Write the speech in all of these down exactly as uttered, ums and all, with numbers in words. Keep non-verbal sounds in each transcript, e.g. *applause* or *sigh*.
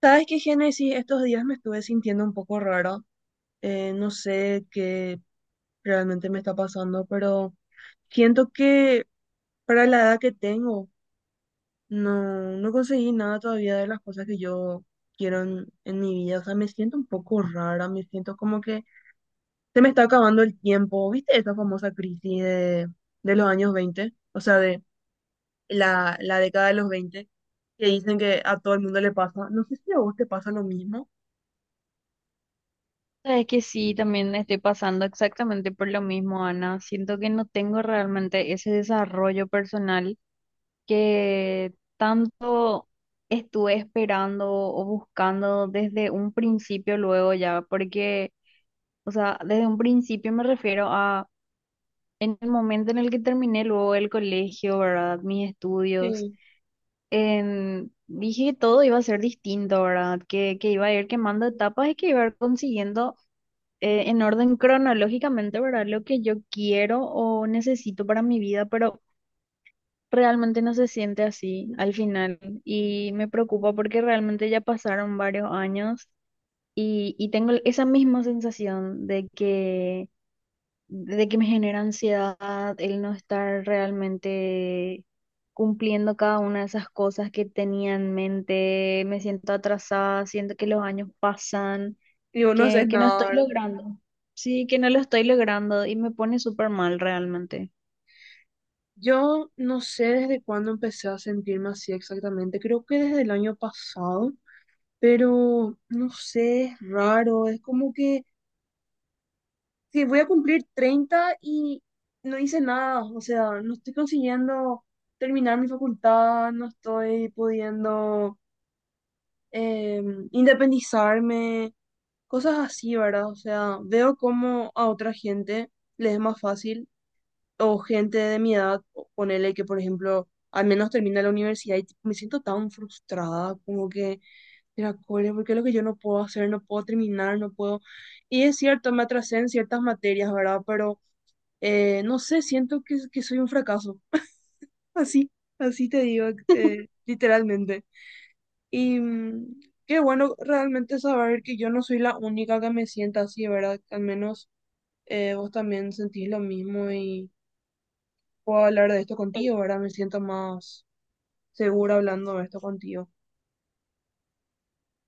¿Sabes qué, Génesis? Estos días me estuve sintiendo un poco rara. Eh, no sé qué realmente me está pasando, pero siento que para la edad que tengo, no, no conseguí nada todavía de las cosas que yo quiero en, en mi vida. O sea, me siento un poco rara, me siento como que se me está acabando el tiempo. ¿Viste esa famosa crisis de, de los años veinte? O sea, de la, la década de los veinte, que dicen que a todo el mundo le pasa. No sé si a vos te pasa lo mismo. Sabes que sí, también estoy pasando exactamente por lo mismo, Ana. Siento que no tengo realmente ese desarrollo personal que tanto estuve esperando o buscando desde un principio luego ya, porque, o sea, desde un principio me refiero a en el momento en el que terminé luego el colegio, ¿verdad? Mis estudios. En- dije que todo iba a ser distinto, ¿verdad? Que, que iba a ir quemando etapas y que iba a ir consiguiendo eh, en orden cronológicamente, ¿verdad? Lo que yo quiero o necesito para mi vida, pero realmente no se siente así al final y me preocupa porque realmente ya pasaron varios años y, y tengo esa misma sensación de que, de que me genera ansiedad el no estar realmente cumpliendo cada una de esas cosas que tenía en mente. Me siento atrasada, siento que los años pasan, Y vos no que, haces que no nada, estoy ¿verdad? logrando. Sí, que no lo estoy logrando y me pone súper mal realmente. Yo no sé desde cuándo empecé a sentirme así exactamente. Creo que desde el año pasado, pero no sé, es raro. Es como que, que voy a cumplir treinta y no hice nada. O sea, no estoy consiguiendo terminar mi facultad, no estoy pudiendo em, independizarme, cosas así, ¿verdad? O sea, veo cómo a otra gente les es más fácil o gente de mi edad, o- ponele que, por ejemplo, al menos termina la universidad y tipo, me siento tan frustrada, como que, mira, cole, ¿por qué es lo que yo no puedo hacer? No puedo terminar, no puedo. Y es cierto, me atrasé en ciertas materias, ¿verdad? Pero eh, no sé, siento que, que soy un fracaso. *laughs* Así, así te digo, eh, literalmente. Y mm, qué bueno realmente saber que yo no soy la única que me sienta así, ¿verdad? Al menos eh, vos también sentís lo mismo y. Puedo hablar de esto Sí. contigo, ¿verdad? Me siento más segura hablando de esto contigo.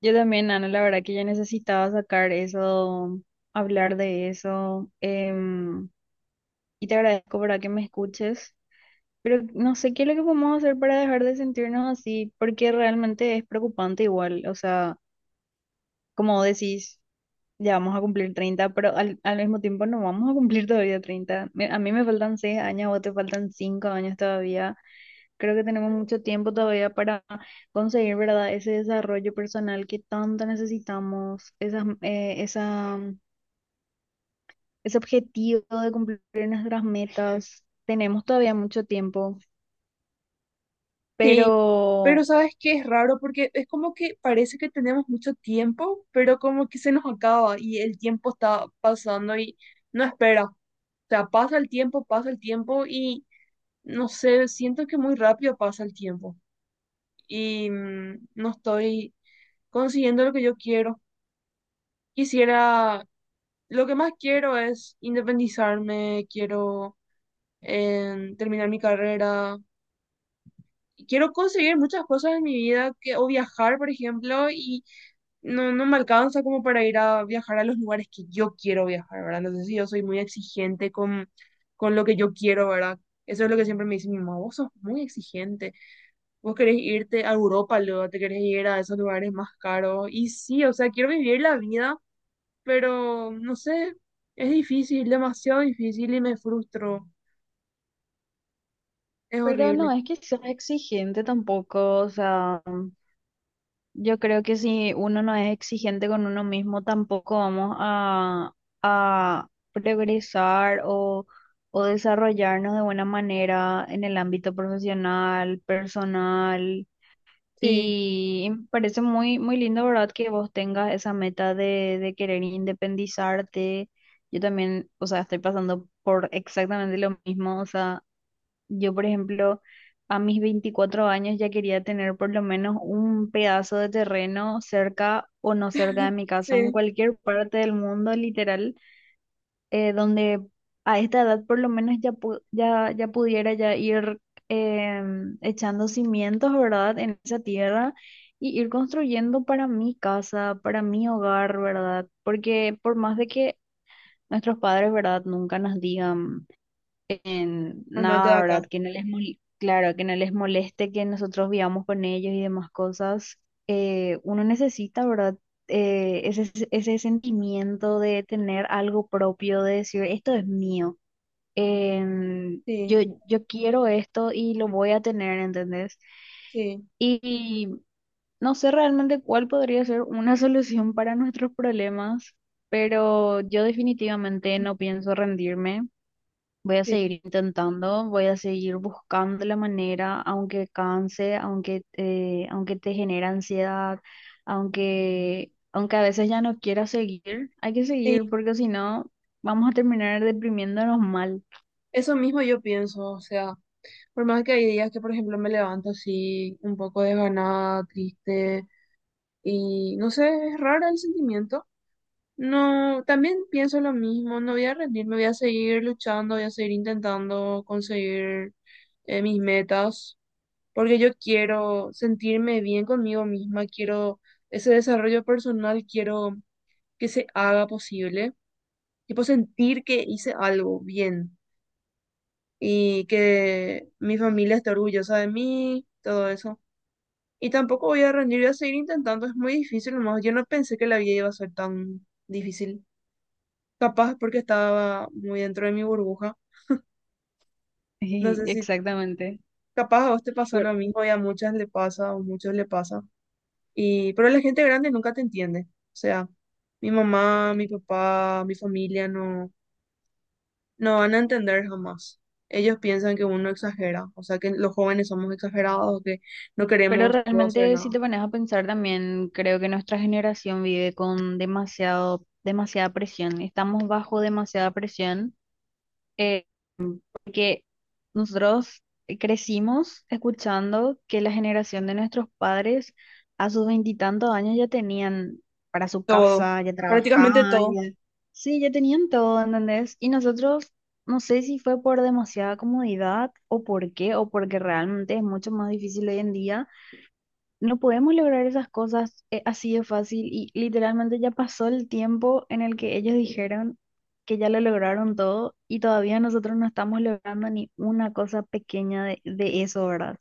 Yo también, Ana, la verdad que ya necesitaba sacar eso, hablar de eso. Em, y te agradezco para que me escuches, pero no sé qué es lo que podemos hacer para dejar de sentirnos así, porque realmente es preocupante igual. O sea, como decís, ya vamos a cumplir treinta, pero al, al mismo tiempo no vamos a cumplir todavía treinta. Me- A mí me faltan seis años, a vos te faltan cinco años todavía. Creo que tenemos mucho tiempo todavía para conseguir, ¿verdad? Ese desarrollo personal que tanto necesitamos, esas, eh, esa, mm, ese objetivo de cumplir nuestras metas. Tenemos todavía mucho tiempo, Sí, pero pero, sabes qué es raro porque es como que parece que tenemos mucho tiempo, pero como que se nos acaba y el tiempo está pasando y no espera. O sea, pasa el tiempo, pasa el tiempo y no sé, siento que muy rápido pasa el tiempo y mm, no estoy consiguiendo lo que yo quiero. Quisiera, lo que más quiero es independizarme, quiero eh, terminar mi carrera, quiero conseguir muchas cosas en mi vida que, o viajar, por ejemplo, y no, no me alcanza como para ir a viajar a los lugares que yo quiero viajar, ¿verdad? Entonces, sí, yo soy muy exigente con, con lo que yo quiero, ¿verdad? Eso es lo que siempre me dice mi mamá, vos sos muy exigente, vos querés irte a Europa, luego te querés ir a esos lugares más caros. Y sí, o sea, quiero vivir la vida, pero no sé, es difícil, demasiado difícil y me frustro, es pero no horrible. es que sea exigente tampoco. O sea, yo creo que si uno no es exigente con uno mismo, tampoco vamos a a progresar o, o desarrollarnos de buena manera en el ámbito profesional, personal. Sí, Y me parece muy, muy lindo, ¿verdad? Que vos tengas esa meta de, de querer independizarte. Yo también, o sea, estoy pasando por exactamente lo mismo, o sea. Yo, por ejemplo, a mis veinticuatro años ya quería tener por lo menos un pedazo de terreno cerca o no cerca de mi casa, en sí, cualquier parte del mundo, literal, eh, donde a esta edad por lo menos ya, pu- ya, ya pudiera ya ir, em, echando cimientos, ¿verdad?, en esa tierra y ir construyendo para mi casa, para mi hogar, ¿verdad? Porque por más de que nuestros padres, ¿verdad?, nunca nos digan en andate de nada, acá, ¿verdad? Que no les mol- claro, que no les moleste que nosotros vivamos con ellos y demás cosas. Eh, uno necesita, ¿verdad? Eh, ese, ese sentimiento de tener algo propio, de decir, esto es mío. Em, yo, sí, yo quiero esto y lo voy a tener, ¿entendés? sí. Y no sé realmente cuál podría ser una solución para nuestros problemas, pero yo definitivamente no pienso rendirme. Voy a Sí, seguir intentando, voy a seguir buscando la manera, aunque canse, aunque, eh, aunque te genera ansiedad, aunque, aunque a veces ya no quieras seguir, hay que seguir sí, porque si no vamos a terminar deprimiéndonos mal. *laughs* eso mismo yo pienso, o sea, por más que hay días que, por ejemplo, me levanto así un poco desganada, triste, y no sé, es raro el sentimiento. No, también pienso lo mismo, no voy a rendirme, voy a seguir luchando, voy a seguir intentando conseguir eh, mis metas, porque yo quiero sentirme bien conmigo misma, quiero ese desarrollo personal, quiero que se haga posible, quiero sentir que hice algo bien. Y que mi familia esté orgullosa de mí, todo eso. Y tampoco voy a rendir, voy a seguir intentando, es muy difícil nomás. Yo no pensé que la vida iba a ser tan difícil. Capaz porque estaba muy dentro de mi burbuja. No Sí, sé si exactamente. capaz a vos te pasó lo Por- mismo y a muchas le pasa o muchos le pasa. Y, pero la gente grande nunca te entiende. O sea, mi mamá, mi papá, mi familia no. No van a entender jamás. Ellos piensan que uno exagera, o sea que los jóvenes somos exagerados, que no Pero queremos no hacer realmente si nada. te pones a pensar también, creo que nuestra generación vive con demasiado, demasiada presión. Estamos bajo demasiada presión porque nosotros crecimos escuchando que la generación de nuestros padres a sus veintitantos años ya tenían para su Todo, casa, ya prácticamente trabajaban, todo, ya... Sí, ya tenían todo, ¿entendés? Y nosotros, no sé si fue por demasiada comodidad o por qué, o porque realmente es mucho más difícil hoy en día. No podemos lograr esas cosas, eh, así de fácil, y literalmente ya pasó el tiempo en el que ellos dijeron que ya lo lograron todo y todavía nosotros no estamos logrando ni una cosa pequeña de, de eso, ¿verdad?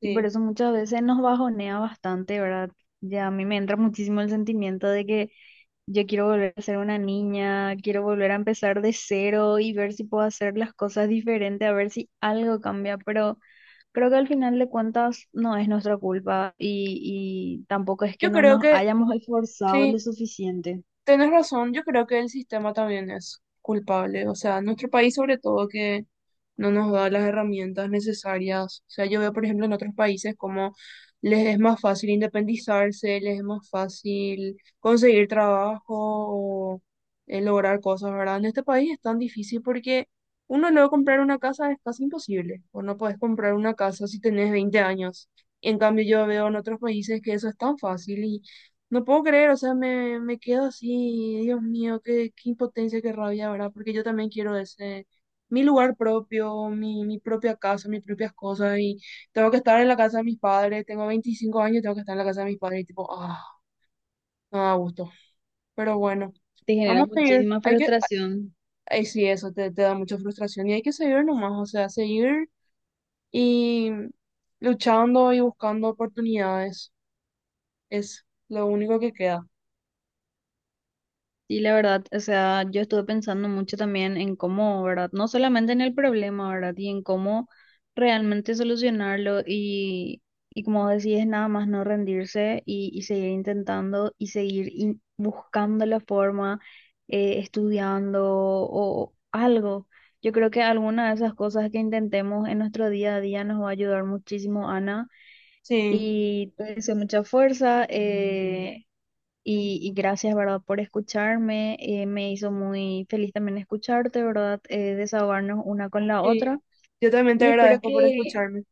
Y por sí. eso muchas veces nos bajonea bastante, ¿verdad? Ya a mí me entra muchísimo el sentimiento de que yo quiero volver a ser una niña, quiero volver a empezar de cero y ver si puedo hacer las cosas diferente, a ver si algo cambia, pero... Creo que al final de cuentas no es nuestra culpa y, y tampoco es que Yo no creo nos que hayamos esforzado sí. lo suficiente. Tenés razón, yo creo que el sistema también es culpable, o sea, nuestro país sobre todo que no nos da las herramientas necesarias, o sea, yo veo por ejemplo en otros países como les es más fácil independizarse, les es más fácil conseguir trabajo o eh, lograr cosas, ¿verdad? En este país es tan difícil porque uno luego comprar una casa es casi imposible, o no podés comprar una casa si tenés veinte años. En cambio, yo veo en otros países que eso es tan fácil no puedo creer, o sea, me, me quedo así, Dios mío, qué, qué impotencia, qué rabia, ¿verdad? Porque yo también quiero ese, mi lugar propio, mi, mi propia casa, mis propias cosas, y tengo que estar en la casa de mis padres, tengo veinticinco años, tengo que estar en la casa de mis padres, y tipo, ah, no da gusto. Pero bueno, Te genera vamos a seguir, muchísima hay que, frustración. ay, sí, eso te, te da mucha frustración, y hay que seguir nomás, o sea, seguir y luchando y buscando oportunidades, es lo único que queda. Y la verdad, o sea, yo estuve pensando mucho también en cómo, ¿verdad? No solamente en el problema, ¿verdad? Y en cómo realmente solucionarlo y, y como decís, nada más no rendirse y, y seguir intentando y seguir in- buscando la forma, eh, estudiando o algo. Yo creo que alguna de esas cosas que intentemos en nuestro día a día nos va a ayudar muchísimo, Ana. Sí. Y te deseo mucha fuerza. Eh, y, y gracias, ¿verdad?, por escucharme. Eh, me hizo muy feliz también escucharte, ¿verdad?, eh, desahogarnos una con la Sí, otra. yo también te Y espero agradezco por que, escucharme.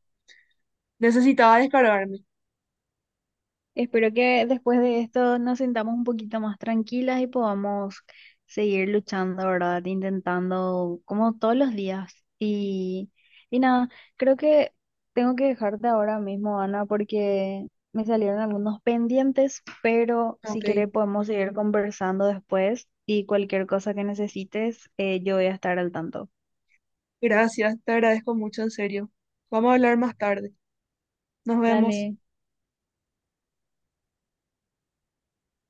Necesitaba descargarme. espero que después de esto nos sintamos un poquito más tranquilas y podamos seguir luchando, ¿verdad? Intentando como todos los días. Y, y nada, creo que tengo que dejarte ahora mismo, Ana, porque me salieron algunos pendientes, pero si Ok, quieres podemos seguir conversando después y cualquier cosa que necesites, eh, yo voy a estar al tanto. gracias, te agradezco mucho, en serio. Vamos a hablar más tarde. Nos Dale. vemos.